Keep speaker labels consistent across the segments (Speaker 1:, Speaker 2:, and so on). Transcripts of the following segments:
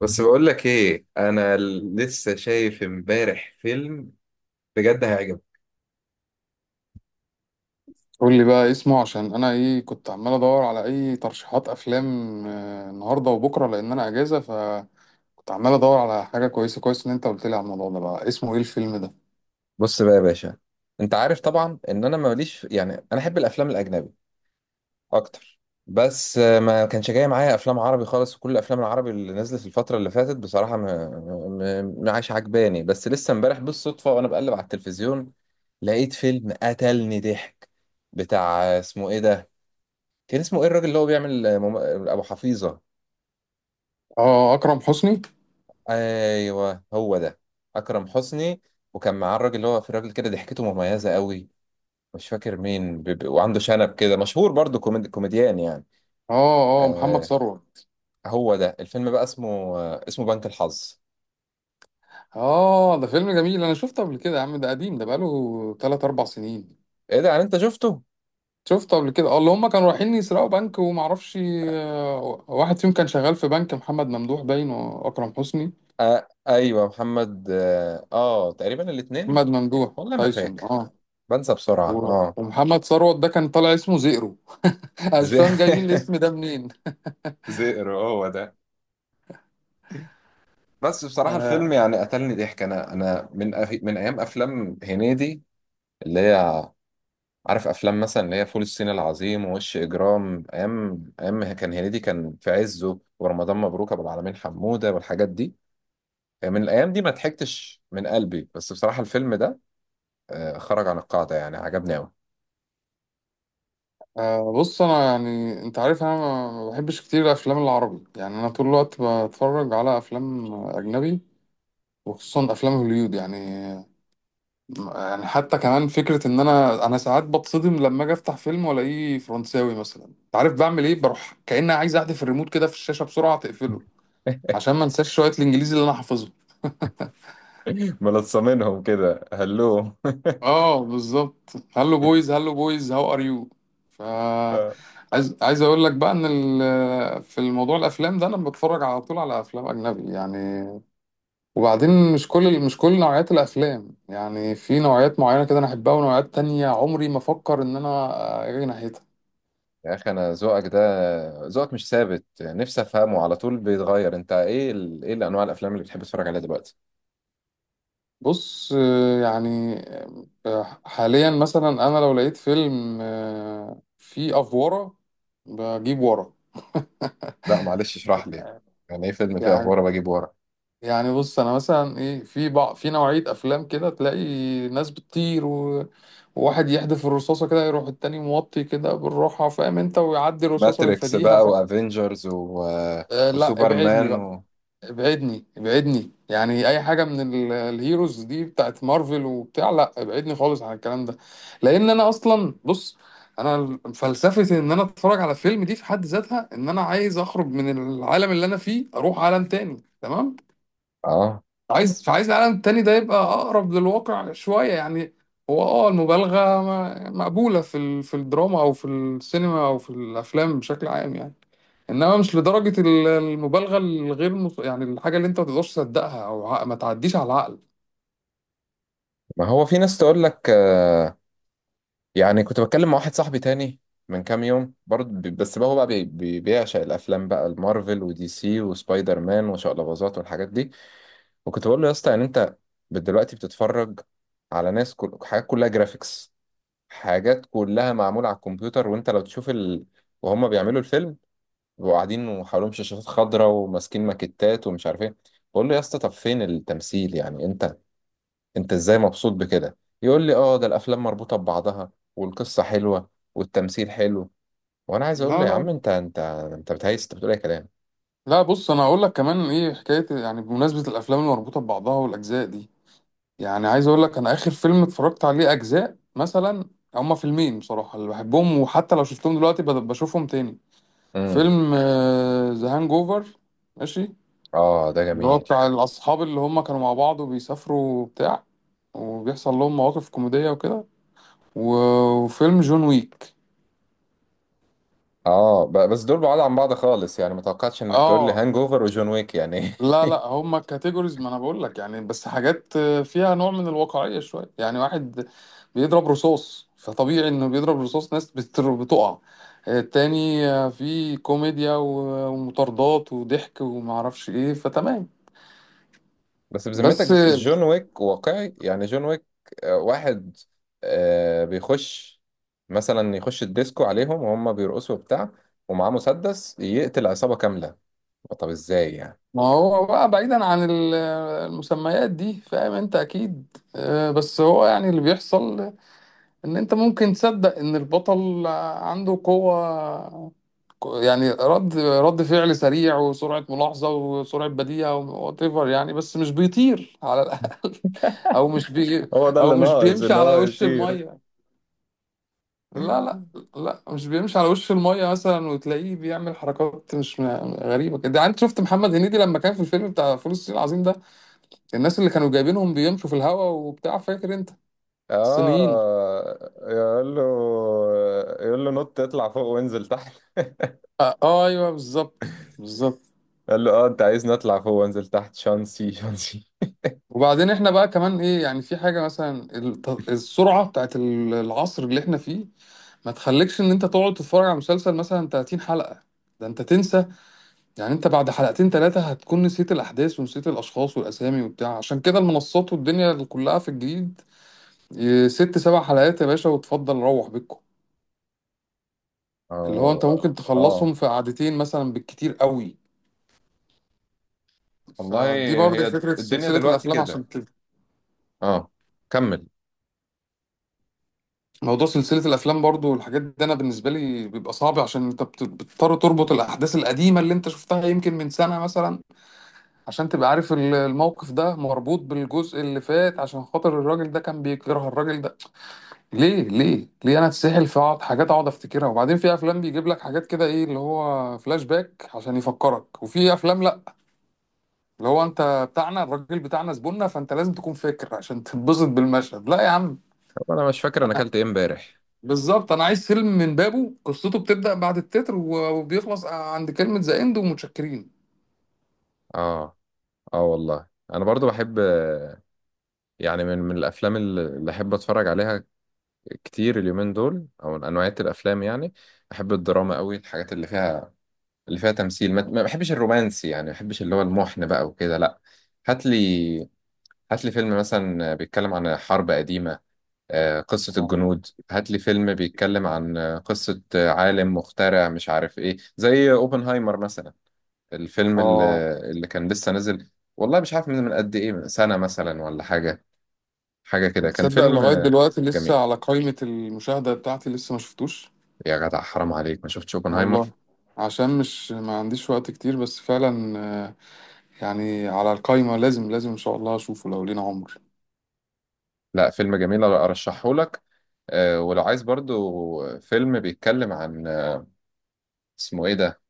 Speaker 1: بس بقول لك ايه انا لسه شايف امبارح فيلم بجد هيعجبك.
Speaker 2: قول لي بقى اسمه، عشان انا ايه كنت عمال ادور على اي ترشيحات افلام. النهارده وبكره، لان انا اجازه، فكنت عمال ادور على حاجه كويسه. كويس ان انت قلت لي على الموضوع ده. بقى اسمه ايه الفيلم ده؟
Speaker 1: بص بقى يا باشا، انت عارف طبعا ان انا ماليش، يعني انا احب الافلام الاجنبي اكتر. بس ما كانش جاي معايا افلام عربي خالص، وكل الافلام العربي اللي نزلت الفتره اللي فاتت بصراحه ما عايش عجباني. بس لسه امبارح بالصدفه وانا بقلب على التلفزيون لقيت فيلم قتلني ضحك، بتاع اسمه ايه ده؟ كان اسمه ايه الراجل اللي هو بيعمل ابو حفيظه؟
Speaker 2: اه، اكرم حسني.
Speaker 1: ايوه هو ده، اكرم حسني. وكان معاه الراجل اللي هو في راجل كده ضحكته مميزه قوي، مش فاكر مين وعنده شنب كده مشهور برضو كوميديان يعني.
Speaker 2: اه، اه، محمد
Speaker 1: آه،
Speaker 2: ثروت.
Speaker 1: هو ده الفيلم بقى اسمه، آه اسمه بنك الحظ.
Speaker 2: اه، ده فيلم جميل، انا شفته قبل كده. يا عم ده قديم، ده بقاله 3 4 سنين.
Speaker 1: ايه ده يعني انت شفته؟
Speaker 2: شفته قبل كده. اه، اللي هم كانوا رايحين يسرقوا بنك ومعرفش، واحد فيهم كان شغال في بنك. محمد ممدوح باين، واكرم حسني.
Speaker 1: آه ايوه محمد آه تقريبا الاتنين.
Speaker 2: محمد ممدوح
Speaker 1: والله ما
Speaker 2: تايسون،
Speaker 1: فاكر،
Speaker 2: اه.
Speaker 1: بنسى بسرعه اه.
Speaker 2: ومحمد ثروت ده كان طالع اسمه زئرو. انا مش
Speaker 1: زي...
Speaker 2: فاهم جايبين الاسم ده منين.
Speaker 1: زئر هو ده. بس بصراحه الفيلم
Speaker 2: آه
Speaker 1: يعني قتلني ضحك، انا من من ايام افلام هنيدي، اللي هي، عارف افلام مثلا اللي هي فول الصين العظيم ووش اجرام، ايام ايام ما كان هنيدي كان في عزه، ورمضان مبروك، ابو العالمين حموده، والحاجات دي. من الايام دي ما ضحكتش من قلبي، بس بصراحه الفيلم ده خرج عن القاعده، يعني عجبني قوي.
Speaker 2: بص، انا يعني انت عارف انا ما بحبش كتير الافلام العربي، يعني انا طول الوقت بتفرج على افلام اجنبي، وخصوصا افلام هوليود يعني. يعني حتى كمان فكره ان انا ساعات بتصدم لما اجي افتح فيلم والاقيه فرنساوي مثلا. انت عارف بعمل ايه؟ بروح كأني عايز احذف الريموت كده في الشاشه بسرعه تقفله، عشان ما انساش شويه الانجليزي اللي انا حافظهم.
Speaker 1: ملصمينهم كده هلو.
Speaker 2: اه بالظبط. هلو بويز، هلو بويز، هاو ار يو. ف
Speaker 1: آه.
Speaker 2: عايز اقول لك بقى ان في الموضوع الافلام ده انا بتفرج على طول على افلام اجنبي يعني. وبعدين مش كل نوعيات الافلام، يعني في نوعيات معينه كده انا احبها، ونوعيات تانية عمري ما افكر ان انا اجي ناحيتها.
Speaker 1: يا اخي انا ذوقك ده، ذوقك مش ثابت، نفسي افهمه على طول بيتغير. انت ايه ايه الانواع الافلام اللي بتحب تتفرج عليها دلوقتي؟
Speaker 2: بص، يعني حاليا مثلا انا لو لقيت فيلم فيه افوره بجيب ورا.
Speaker 1: لا معلش اشرح لي، يعني ايه فيلم فيه
Speaker 2: يعني
Speaker 1: افواره بجيب ورا؟
Speaker 2: يعني بص انا مثلا ايه في في نوعيه افلام كده تلاقي ناس بتطير وواحد يحدف الرصاصه كده، يروح التاني موطي كده بالراحه، فاهم انت، ويعدي الرصاصه
Speaker 1: ماتريكس
Speaker 2: ويفاديها.
Speaker 1: بقى وافنجرز و...
Speaker 2: آه لا، ابعدني
Speaker 1: وسوبرمان
Speaker 2: بقى،
Speaker 1: و...
Speaker 2: ابعدني، ابعدني يعني. اي حاجه من الهيروز دي بتاعت مارفل وبتاع، لا ابعدني خالص عن الكلام ده. لان انا اصلا بص، انا فلسفه ان انا اتفرج على فيلم دي في حد ذاتها، ان انا عايز اخرج من العالم اللي انا فيه، اروح عالم تاني، تمام.
Speaker 1: اه،
Speaker 2: فعايز العالم التاني ده يبقى اقرب للواقع شويه يعني. هو المبالغه مقبوله في في الدراما او في السينما او في الافلام بشكل عام يعني. انما مش لدرجه المبالغه الغير يعني الحاجه اللي انت ما تقدرش تصدقها، او ما تعديش على العقل.
Speaker 1: ما هو في ناس تقول لك آه، يعني كنت بتكلم مع واحد صاحبي تاني من كام يوم برضه بي- بس بقى هو بقى بي- بي- بيعشق الافلام بقى، المارفل ودي سي وسبايدر مان وشقلباظات والحاجات دي. وكنت بقول له يا اسطى، يعني انت دلوقتي بتتفرج على ناس حاجات كلها جرافيكس، حاجات كلها معمولة على الكمبيوتر. وانت لو تشوف وهم بيعملوا الفيلم بيبقوا قاعدين وحواليهم شاشات خضراء وماسكين ماكيتات ومش عارف ايه. بقول له يا اسطى، طب فين التمثيل يعني؟ انت ازاي مبسوط بكده؟ يقول لي اه، ده الافلام مربوطه ببعضها والقصه حلوه والتمثيل حلو. وانا عايز اقول له
Speaker 2: لا
Speaker 1: يا
Speaker 2: لا
Speaker 1: عم
Speaker 2: لا
Speaker 1: انت بتهيس، انت بتقول اي كلام.
Speaker 2: لا، بص انا هقول لك كمان ايه حكايه، يعني بمناسبه الافلام المربوطه ببعضها والاجزاء دي. يعني عايز اقول لك انا اخر فيلم اتفرجت عليه اجزاء مثلا، هما فيلمين بصراحه اللي بحبهم، وحتى لو شفتهم دلوقتي بشوفهم تاني.
Speaker 1: امم.
Speaker 2: فيلم ذا هانج اوفر، ماشي،
Speaker 1: اه ده
Speaker 2: اللي هو
Speaker 1: جميل.
Speaker 2: بتاع الاصحاب اللي هم كانوا مع بعض وبيسافروا وبتاع، وبيحصل لهم مواقف كوميدية وكده. وفيلم جون ويك.
Speaker 1: اه بس دول بعاد عن بعض خالص، يعني ما توقعتش انك تقول لي
Speaker 2: اه،
Speaker 1: هانج اوفر وجون ويك يعني.
Speaker 2: لا لا، هما كاتيجوريز، ما انا بقول لك يعني، بس حاجات فيها نوع من الواقعية شوية يعني. واحد بيضرب رصاص، فطبيعي انه بيضرب رصاص، ناس بتقع. التاني في كوميديا ومطاردات وضحك ومعرفش ايه، فتمام.
Speaker 1: بس
Speaker 2: بس
Speaker 1: بذمتك جون ويك واقعي يعني؟ جون ويك واحد بيخش مثلا يخش الديسكو عليهم وهم بيرقصوا وبتاع، ومعاه مسدس يقتل عصابة كاملة. طب ازاي يعني؟
Speaker 2: ما هو بقى بعيدا عن المسميات دي، فاهم انت اكيد بس هو يعني اللي بيحصل ان انت ممكن تصدق ان البطل عنده قوة، يعني رد فعل سريع، وسرعة ملاحظة، وسرعة بديهة، وات ايفر يعني، بس مش بيطير على الاقل. او مش بي
Speaker 1: هو ده
Speaker 2: او
Speaker 1: اللي
Speaker 2: مش
Speaker 1: ناقص
Speaker 2: بيمشي
Speaker 1: ان
Speaker 2: على
Speaker 1: هو
Speaker 2: وش
Speaker 1: يطير.
Speaker 2: المية. لا لا لا، مش بيمشي على وش المية مثلا، وتلاقيه بيعمل حركات مش م- غريبة كده يعني. انت شفت محمد هنيدي لما كان في الفيلم بتاع فول الصين العظيم ده، الناس اللي كانوا جايبينهم بيمشوا في الهوا وبتاع، فاكر انت الصينيين؟
Speaker 1: اه يقول له، يقول له نط اطلع فوق وانزل تحت،
Speaker 2: اه، ايوه بالظبط، بالظبط.
Speaker 1: قال له اه انت عايزني اطلع فوق وانزل تحت شانسي شانسي.
Speaker 2: وبعدين احنا بقى كمان ايه، يعني في حاجه مثلا، السرعه بتاعت العصر اللي احنا فيه، ما تخليكش ان انت تقعد تتفرج على مسلسل مثلا 30 حلقه. ده انت تنسى، يعني انت بعد حلقتين ثلاثه هتكون نسيت الاحداث ونسيت الاشخاص والاسامي وبتاع. عشان كده المنصات والدنيا اللي كلها في الجديد، إيه، ست سبع حلقات يا باشا، وتفضل روح بيتكم، اللي هو انت
Speaker 1: اه.
Speaker 2: ممكن
Speaker 1: اه
Speaker 2: تخلصهم في قعدتين مثلا بالكتير قوي.
Speaker 1: والله،
Speaker 2: فدي برضه
Speaker 1: هي
Speaker 2: فكرة
Speaker 1: الدنيا
Speaker 2: سلسلة
Speaker 1: دلوقتي
Speaker 2: الأفلام عشان
Speaker 1: كده.
Speaker 2: كده.
Speaker 1: اه كمل.
Speaker 2: موضوع سلسلة الأفلام برضه والحاجات دي، أنا بالنسبة لي بيبقى صعب، عشان أنت بتضطر تربط الأحداث القديمة اللي أنت شفتها يمكن من سنة مثلا، عشان تبقى عارف الموقف ده مربوط بالجزء اللي فات، عشان خاطر الراجل ده كان بيكره الراجل ده ليه، ليه، ليه. أنا أتسحل في أقعد حاجات أقعد أفتكرها. وبعدين في أفلام بيجيب لك حاجات كده، إيه اللي هو فلاش باك، عشان يفكرك. وفي أفلام لأ، اللي هو أنت بتاعنا، الراجل بتاعنا، زبوننا، فأنت لازم تكون فاكر عشان تتبسط بالمشهد. لا يا عم،
Speaker 1: طب انا مش فاكر انا اكلت ايه امبارح.
Speaker 2: بالظبط، انا عايز فيلم من بابه قصته بتبدأ بعد التتر وبيخلص عند كلمة ذا اند ومتشكرين.
Speaker 1: اه. اه والله انا برضو بحب، يعني من الافلام اللي احب اتفرج عليها كتير اليومين دول، او من انواعية الافلام يعني، احب الدراما قوي، الحاجات اللي فيها، اللي فيها تمثيل. ما بحبش الرومانسي، يعني ما بحبش اللي هو المحن بقى وكده، لا. هات لي، هات لي فيلم مثلا بيتكلم عن حرب قديمة، قصة
Speaker 2: اه،
Speaker 1: الجنود. هات لي فيلم بيتكلم عن قصة عالم مخترع مش عارف ايه، زي اوبنهايمر مثلا، الفيلم
Speaker 2: اه،
Speaker 1: اللي كان لسه نازل، والله مش عارف من قد ايه، من سنة مثلا ولا حاجة، حاجة كده. كان
Speaker 2: تصدق
Speaker 1: فيلم
Speaker 2: لغاية دلوقتي
Speaker 1: جميل.
Speaker 2: لسه على قائمة المشاهدة بتاعتي، لسه ما شفتوش
Speaker 1: يا جدع حرام عليك ما شفتش اوبنهايمر؟
Speaker 2: والله. عشان مش ما عنديش وقت كتير، بس فعلا آه، يعني على القائمة، لازم لازم ان شاء الله اشوفه لو لينا عمر.
Speaker 1: لا فيلم جميل ارشحه لك. ولو عايز برضو فيلم بيتكلم عن اسمه ايه ده،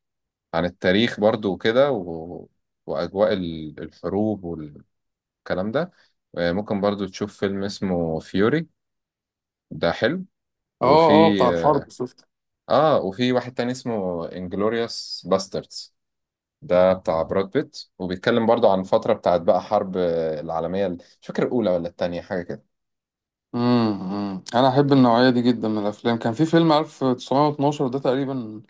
Speaker 1: عن التاريخ برضو وكده و... واجواء الحروب والكلام ده، ممكن برضو تشوف فيلم اسمه فيوري، ده حلو.
Speaker 2: اه،
Speaker 1: وفي
Speaker 2: اه، بتاع
Speaker 1: اه،
Speaker 2: الحرب شفته.
Speaker 1: وفي واحد تاني اسمه انجلوريوس باستردز، ده بتاع براد بيت، وبيتكلم برضو عن فترة بتاعت بقى حرب العالمية مش فاكر الأولى ولا التانية، حاجة كده.
Speaker 2: امم، أمم. انا احب النوعية دي جدا من الافلام. كان في فيلم 1912 ده تقريبا،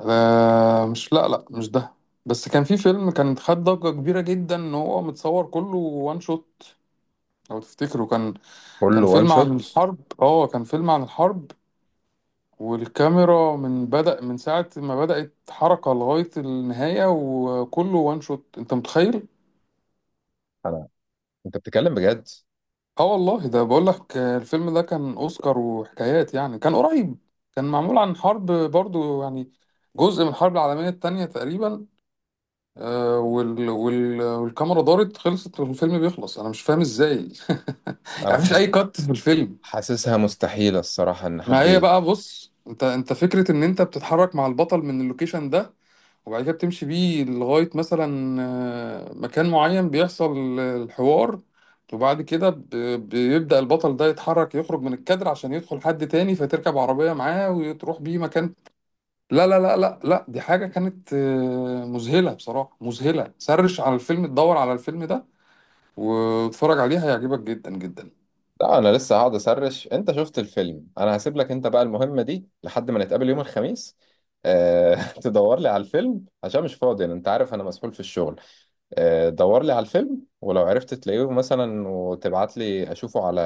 Speaker 2: مش، لا لا، مش ده. بس كان في فيلم كان خد ضجة كبيرة جدا، ان هو متصور كله وان شوت، لو تفتكروا،
Speaker 1: كله
Speaker 2: كان
Speaker 1: وان
Speaker 2: فيلم عن
Speaker 1: شوت؟
Speaker 2: الحرب. اه، كان فيلم عن الحرب، والكاميرا من بدأ من ساعة ما بدأت حركة لغاية النهاية وكله وان شوت، انت متخيل؟
Speaker 1: أنا، أنت بتتكلم بجد؟
Speaker 2: اه والله، ده بقول لك الفيلم ده كان اوسكار وحكايات يعني، كان قريب. كان معمول عن حرب برضو يعني، جزء من الحرب العالمية التانية تقريبا. والكاميرا دارت خلصت والفيلم بيخلص، انا مش فاهم ازاي.
Speaker 1: أنا
Speaker 2: يعني مفيش
Speaker 1: حاس...
Speaker 2: اي كات في الفيلم.
Speaker 1: حاسسها مستحيلة الصراحة إن
Speaker 2: ما
Speaker 1: حد
Speaker 2: هي
Speaker 1: إيه.
Speaker 2: بقى بص، انت فكرة ان انت بتتحرك مع البطل من اللوكيشن ده، وبعد كده بتمشي بيه لغاية مثلا مكان معين بيحصل الحوار، وبعد كده بيبدأ البطل ده يتحرك، يخرج من الكادر عشان يدخل حد تاني، فتركب عربية معاه وتروح بيه مكان. لا لا لا لا لا، دي حاجة كانت مذهلة بصراحة، مذهلة. سرش على الفيلم، تدور على الفيلم ده، واتفرج عليه، هيعجبك جدا جدا.
Speaker 1: لا أنا لسه هقعد أسرش. أنت شفت الفيلم، أنا هسيب لك أنت بقى المهمة دي لحد ما نتقابل يوم الخميس. أه... تدور لي على الفيلم، عشان مش فاضي أنا، أنت عارف أنا مسحول في الشغل. دور لي على الفيلم، ولو عرفت تلاقيه مثلا وتبعت لي اشوفه على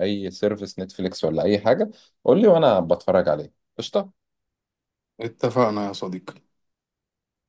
Speaker 1: اي سيرفيس، نتفليكس ولا اي حاجة، قول لي وانا بتفرج عليه قشطة.
Speaker 2: اتفقنا يا صديقي.